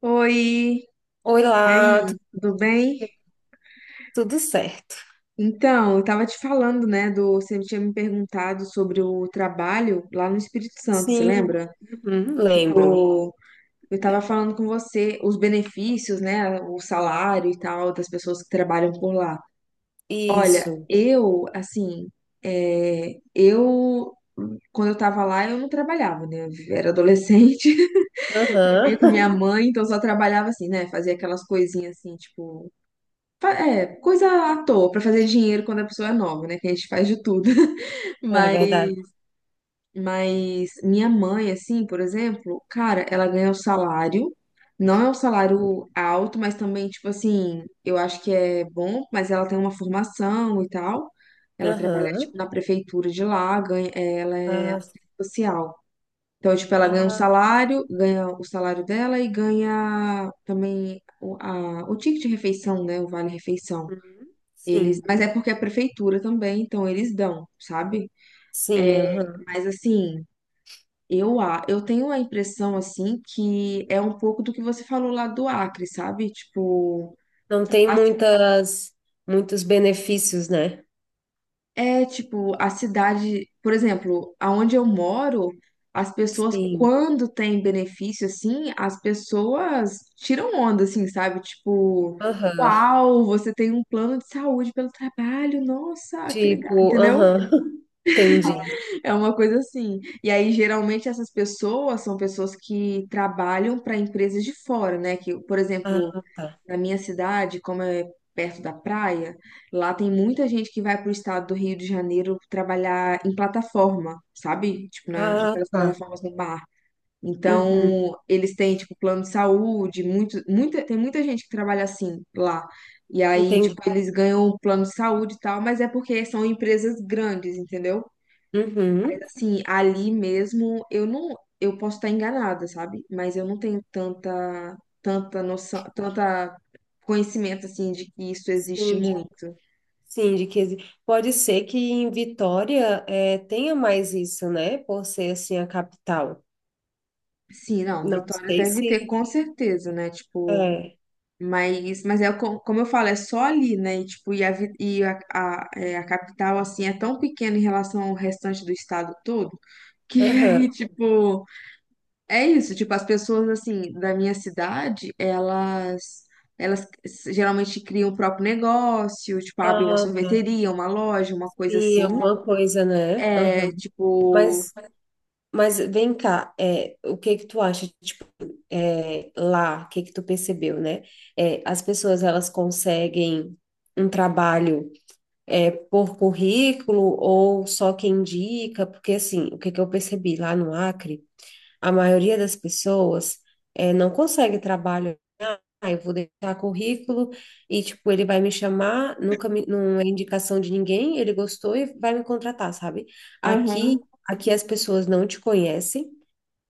Oi, Oi e lá, aí, tudo bem? tudo certo? Então, eu tava te falando, né, você tinha me perguntado sobre o trabalho lá no Espírito Santo, você Sim, lembra? uhum, lembro. Tipo, eu tava falando com você os benefícios, né, o salário e tal das pessoas que trabalham por lá. Olha, Isso. assim, é, eu, quando eu tava lá, eu não trabalhava, né, eu era adolescente, vivia com minha Aham. mãe, então eu só trabalhava assim, né, fazia aquelas coisinhas assim, tipo é, coisa à toa pra fazer dinheiro quando a pessoa é nova, né? Que a gente faz de tudo. É Mas, verdade. mas minha mãe, assim, por exemplo, cara, ela ganha o salário. Não é um salário alto, mas também, tipo assim, eu acho que é bom, mas ela tem uma formação e tal. Ela trabalha, Aham. tipo, na prefeitura de lá, ganha, é, ela é Ah, assistente social. Então, tipo, ela ganha um ah, salário, ganha o salário dela e ganha também o ticket de refeição, né? O vale-refeição. uhum. Eles, Sim, mas é porque é a prefeitura também, então eles dão, sabe? sim, aham. Mas assim, eu tenho a impressão assim que é um pouco do que você falou lá do Acre, sabe? Tipo, Não tem a ci- muitas, muitos benefícios, né? é tipo a cidade, por exemplo, aonde eu moro, as pessoas Sim. quando tem benefício assim, as pessoas tiram onda assim, sabe? Tipo, Aham. uau, você tem um plano de saúde pelo trabalho, nossa, que legal, Tipo, entendeu? aham. Entendi. É uma coisa assim. E aí, geralmente, essas pessoas são pessoas que trabalham para empresas de fora, né? Que, por Ah, exemplo, tá. na minha cidade, como é perto da praia, lá tem muita gente que vai para o estado do Rio de Janeiro trabalhar em plataforma, sabe? Tipo, Ah, naquelas tá. plataformas no mar. Uhum. Então, eles têm, tipo, plano de saúde, muito, muita, tem muita gente que trabalha assim lá. E aí, Entendi. tipo, eles ganham um plano de saúde e tal, mas é porque são empresas grandes, entendeu? Uhum. Assim, ali mesmo, eu não, eu posso estar enganada, sabe? Mas eu não tenho tanta noção, tanta conhecimento assim de que isso existe Sim, muito. Sim, de 15. Pode ser que em Vitória tenha mais isso, né? Por ser assim a capital. Sim, não, Não Vitória sei deve ter se com certeza, né? Tipo, é. mas, como eu falo, é só ali, né? E, tipo, e a capital assim é tão pequena em relação ao restante do estado todo que Aham. aí, tipo é isso, tipo, as pessoas assim da minha cidade, elas geralmente criam o próprio negócio, tipo, abrem uma Ah, tá. sorveteria, uma loja, uma coisa Sim, assim. alguma coisa, né? É, Aham. tipo, Mas, mas vem cá, é, o que que tu acha? Tipo, é, lá, o que que tu percebeu, né? É, as pessoas elas conseguem um trabalho é, por currículo ou só quem indica? Porque assim, o que que eu percebi lá no Acre? A maioria das pessoas não consegue trabalho. Ah, eu vou deixar currículo e, tipo, ele vai me chamar, nunca me, não é indicação de ninguém, ele gostou e vai me contratar, sabe? aham, Aqui as pessoas não te conhecem.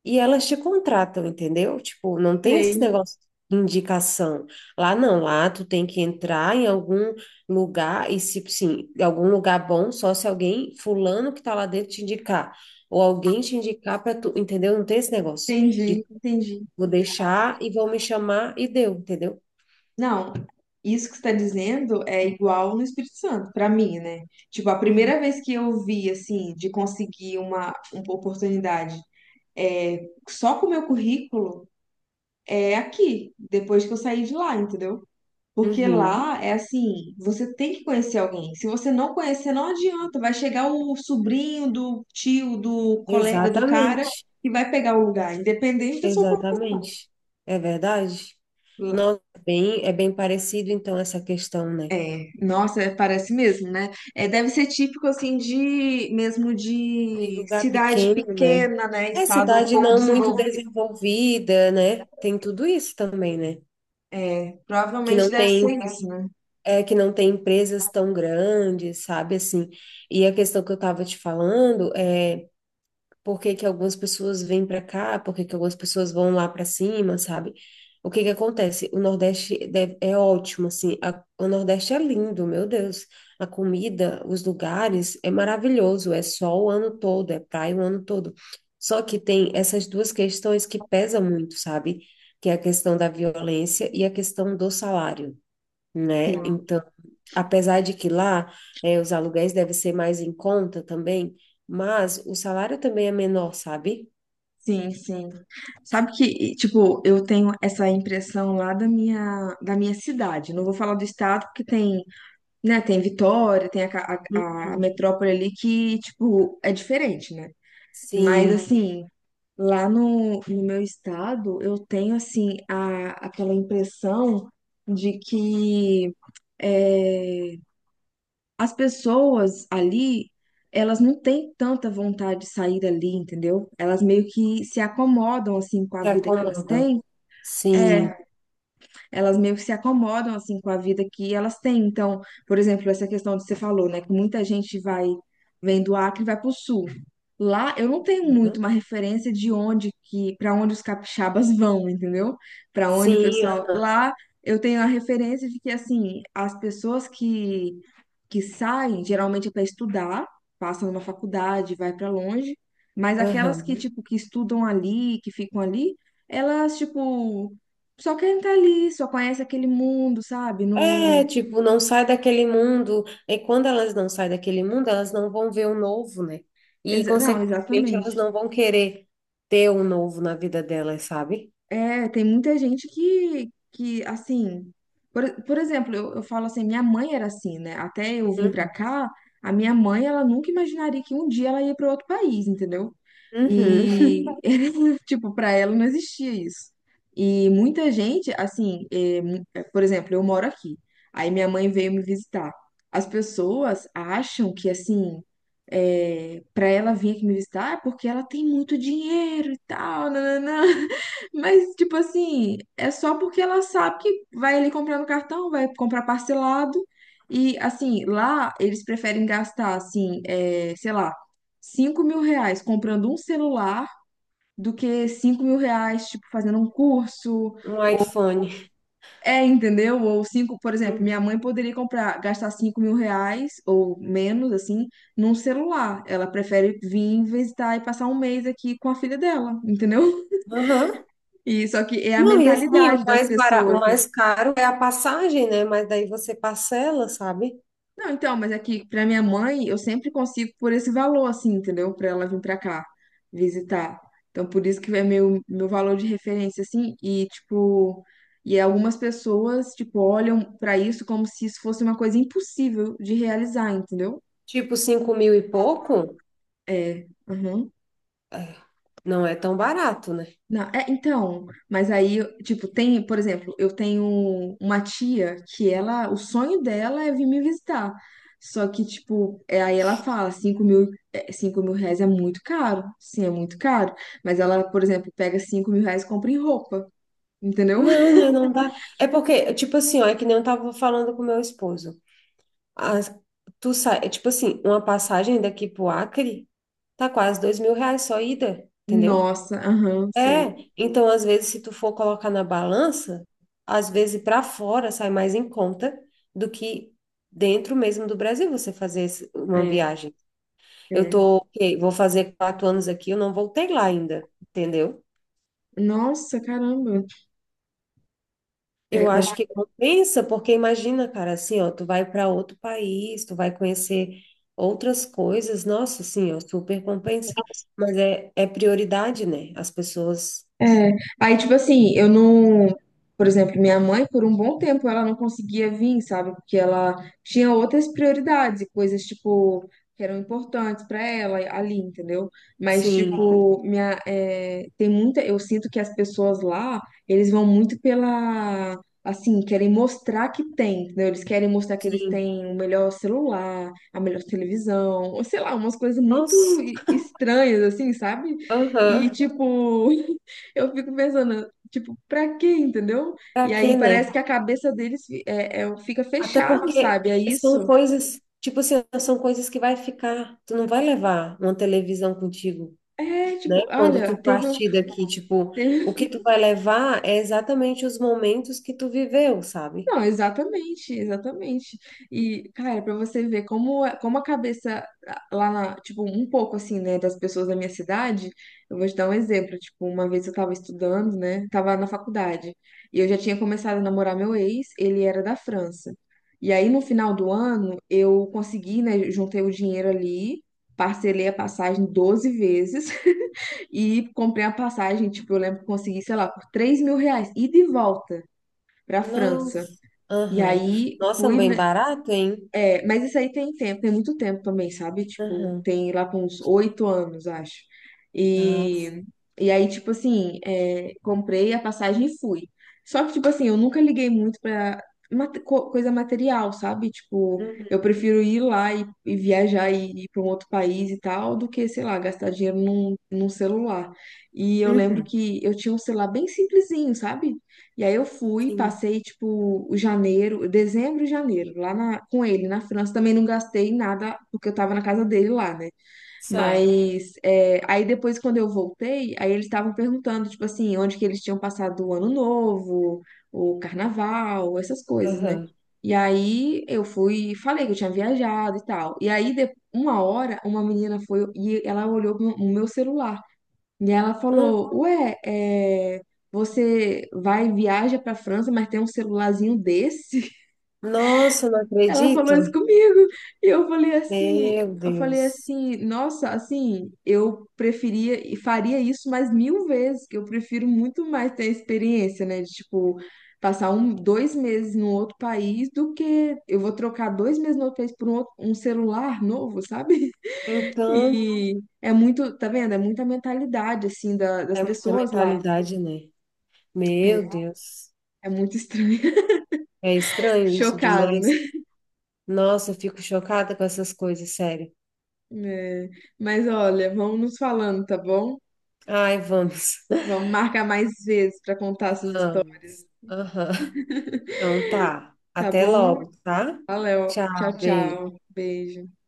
E elas te contratam, entendeu? Tipo, não tem esse sei, negócio de indicação. Lá não, lá tu tem que entrar em algum lugar e se, sim, em algum lugar bom, só se alguém, fulano que tá lá dentro te indicar, ou alguém te indicar para tu, entendeu? Não tem esse negócio de entendi, entendi. vou deixar e vão me chamar e deu, entendeu? Não, isso que você está dizendo é igual no Espírito Santo, para mim, né? Tipo, a Uhum. primeira vez que eu vi assim de conseguir uma oportunidade é, só com o meu currículo é aqui, depois que eu saí de lá, entendeu? Porque Uhum. lá é assim, você tem que conhecer alguém. Se você não conhecer, não adianta. Vai chegar o sobrinho do tio, do colega do cara Exatamente. que vai pegar o lugar, independente da sua formação. Exatamente. É verdade? Lá- Nossa, bem, é bem parecido então essa questão, né? nossa, é, parece mesmo, né? É, deve ser típico assim de mesmo De de lugar cidade pequeno, né? pequena, né? É Estado um cidade pouco não muito desenvolvido. desenvolvida, né? Tem tudo isso também, né? Que Provavelmente não deve ser tem, isso, né? é, que não tem empresas tão grandes, sabe? Assim, e a questão que eu estava te falando é por que que algumas pessoas vêm para cá, por que que algumas pessoas vão lá para cima, sabe? O que que acontece? É ótimo, assim, o Nordeste é lindo, meu Deus. A comida, os lugares, é maravilhoso, é sol o ano todo, é praia o ano todo. Só que tem essas duas questões que pesam muito, sabe? Que é a questão da violência e a questão do salário, né? Sim. Então, apesar de que lá os aluguéis devem ser mais em conta também, mas o salário também é menor, sabe? Sim, sim. Sabe que, tipo, eu tenho essa impressão lá da minha cidade. Não vou falar do estado, porque tem, né, tem Vitória, tem a, ca- Hum. a, a metrópole ali que, tipo, é diferente, né? Mas, Sim, sim. Assim, lá no meu estado, eu tenho, assim, a, aquela impressão de que eh, as pessoas ali, elas não têm tanta vontade de sair dali, entendeu? Elas meio que se acomodam assim com a se vida que elas acomodam. têm. É, Sim. elas meio que se acomodam assim com a vida que elas têm. Então, por exemplo, essa questão que você falou, né, que muita gente vai vem do Acre e vai para o sul. Lá eu não tenho muito Uhum. uma referência de onde que para onde os capixabas vão, entendeu? Para onde o Sim, pessoal lá eu tenho a referência de que assim, as pessoas que saem, geralmente é para estudar, passam numa faculdade, vai para longe, mas aquelas aham. que, tipo, que estudam ali, que ficam ali, elas, tipo, só querem estar ali, só conhecem aquele mundo, sabe? É, Não, tipo, não sai daquele mundo. E quando elas não saem daquele mundo, elas não vão ver o novo, né? E, não, consequentemente, elas exatamente. não vão querer ter o novo na vida delas, sabe? É, tem muita gente que assim, por exemplo, eu falo assim, minha mãe era assim, né? Até eu vim pra Uhum. cá, a minha mãe, ela nunca imaginaria que um dia ela ia para outro país, entendeu? Uhum. E, tipo, pra ela não existia isso. E muita gente, assim, é, por exemplo, eu moro aqui, aí minha mãe veio me visitar. As pessoas acham que, assim, é, para ela vir aqui me visitar é porque ela tem muito dinheiro e tal, nananã. Mas, tipo assim, é só porque ela sabe que vai ali comprar no cartão, vai comprar parcelado. E, assim, lá eles preferem gastar, assim, é, sei lá, R$ 5.000 comprando um celular do que R$ 5.000, tipo, fazendo um curso. Um Ou, iPhone. é, entendeu? Ou cinco, por exemplo, Uhum. minha mãe poderia comprar, gastar R$ 5.000 ou menos, assim, num celular. Ela prefere vir visitar e passar um mês aqui com a filha dela, entendeu? Aham. E só que é a Não, e assim, o mentalidade das mais barato, o pessoas, né? mais caro é a passagem, né? Mas daí você parcela, sabe? Não, então, mas é que pra minha mãe, eu sempre consigo por esse valor, assim, entendeu? Pra ela vir pra cá visitar. Então, por isso que é meu valor de referência, assim, e tipo, e algumas pessoas, tipo, olham pra isso como se isso fosse uma coisa impossível de realizar, entendeu? Tipo, 5.000 e pouco, É, aham. não é tão barato, né? Não, é, então, mas aí, tipo, tem, por exemplo, eu tenho uma tia que ela, o sonho dela é vir me visitar. Só que, tipo, é, aí ela fala, 5.000, é, cinco mil reais é muito caro. Sim, é muito caro. Mas ela, por exemplo, pega R$ 5.000 e compra em roupa, entendeu? Não, né? Não dá. É porque, tipo assim, ó, é que nem eu tava falando com meu esposo. As- tu sai, é tipo assim, uma passagem daqui pro Acre tá quase R$ 2.000 só ida, entendeu? Nossa, aham, sei. É, então às vezes se tu for colocar na balança, às vezes para fora sai mais em conta do que dentro mesmo do Brasil você fazer uma É, viagem. Eu é. tô, ok, vou fazer 4 anos aqui, eu não voltei lá ainda, entendeu? Nossa, caramba. É, Eu acho que compensa, porque imagina, cara, assim, ó, tu vai para outro país, tu vai conhecer outras coisas, nossa, assim, ó, super compensa. Mas é, é prioridade, né? As pessoas, é, aí, tipo assim, eu não. Por exemplo, minha mãe, por um bom tempo, ela não conseguia vir, sabe? Porque ela tinha outras prioridades e coisas, tipo, que eram importantes pra ela ali, entendeu? Mas, sim, tipo, minha, é, tem muita. Eu sinto que as pessoas lá, eles vão muito pela. Assim, querem mostrar que tem, entendeu? Eles querem mostrar que eles sim, têm o melhor celular, a melhor televisão, ou sei lá, umas coisas muito nossa, estranhas, assim, sabe? aham. E, tipo. Eu fico pensando, tipo, pra quê, entendeu? E Pra aí quê, né? parece que a cabeça deles fica Até fechado, porque sabe? É são isso. coisas, tipo assim, são coisas que vai ficar, tu não vai levar uma televisão contigo, É, né? tipo, Quando olha, tu partir daqui, tipo, o teve. que tu vai levar é exatamente os momentos que tu viveu, sabe? Não, exatamente, exatamente. E, cara, pra você ver como, como a cabeça ah, lá na, tipo, um pouco assim, né, das pessoas da minha cidade, eu vou te dar um exemplo. Tipo, uma vez eu tava estudando, né, tava na faculdade, e eu já tinha começado a namorar meu ex, ele era da França. E aí, no final do ano, eu consegui, né, juntei o dinheiro ali, parcelei a passagem 12 vezes e comprei a passagem, tipo, eu lembro que consegui, sei lá, por R$ 3.000, ida e de volta pra França. Nossa, E aham. aí Nossa, é um fui, bem né, barato, hein? é, mas isso aí tem tempo, tem muito tempo também, sabe? Tipo, Aham. tem lá com uns 8 anos, acho. Tá. E, e aí, tipo assim, é, comprei a passagem e fui. Só que, tipo assim, eu nunca liguei muito pra coisa material, sabe? Tipo, eu Uhum. prefiro ir lá e viajar e ir pra um outro país e tal, do que, sei lá, gastar dinheiro num celular. E eu lembro Uhum. que eu tinha um celular bem simplesinho, sabe? E aí eu fui, Sim. passei tipo o janeiro, dezembro e janeiro, com ele na França. Também não gastei nada, porque eu tava na casa dele lá, né? Certo. Mas é, aí depois, quando eu voltei, aí eles estavam perguntando, tipo assim, onde que eles tinham passado o ano novo, o carnaval, essas coisas, né? Aham. E aí eu fui, e falei que eu tinha viajado e tal. E aí, uma hora, uma menina foi e ela olhou o meu celular. E ela Ah, falou: Ué, é, você vai, viaja pra França, mas tem um celularzinho desse? nossa, não Ela falou isso acredito. comigo. E eu falei assim: Meu eu falei Deus. assim, nossa, assim, eu preferia e faria isso mais 1.000 vezes, que eu prefiro muito mais ter a experiência, né? De tipo, passar um, 2 meses num outro país do que eu vou trocar 2 meses no outro país por um, um celular novo, sabe? Então, E. É muito, tá vendo? É muita mentalidade, assim, das é muita pessoas lá. mentalidade, né? Meu É, Deus, é muito estranho. é estranho isso Chocado, né? demais. Nossa, eu fico chocada com essas coisas, sério. É. Mas olha, vamos nos falando, tá bom? Ai, vamos, Vamos marcar mais vezes pra contar essas histórias, vamos. Aham. Então tá, tá até bom? logo, tá? Valeu. Tchau, Tchau, beijo. tchau. Beijo.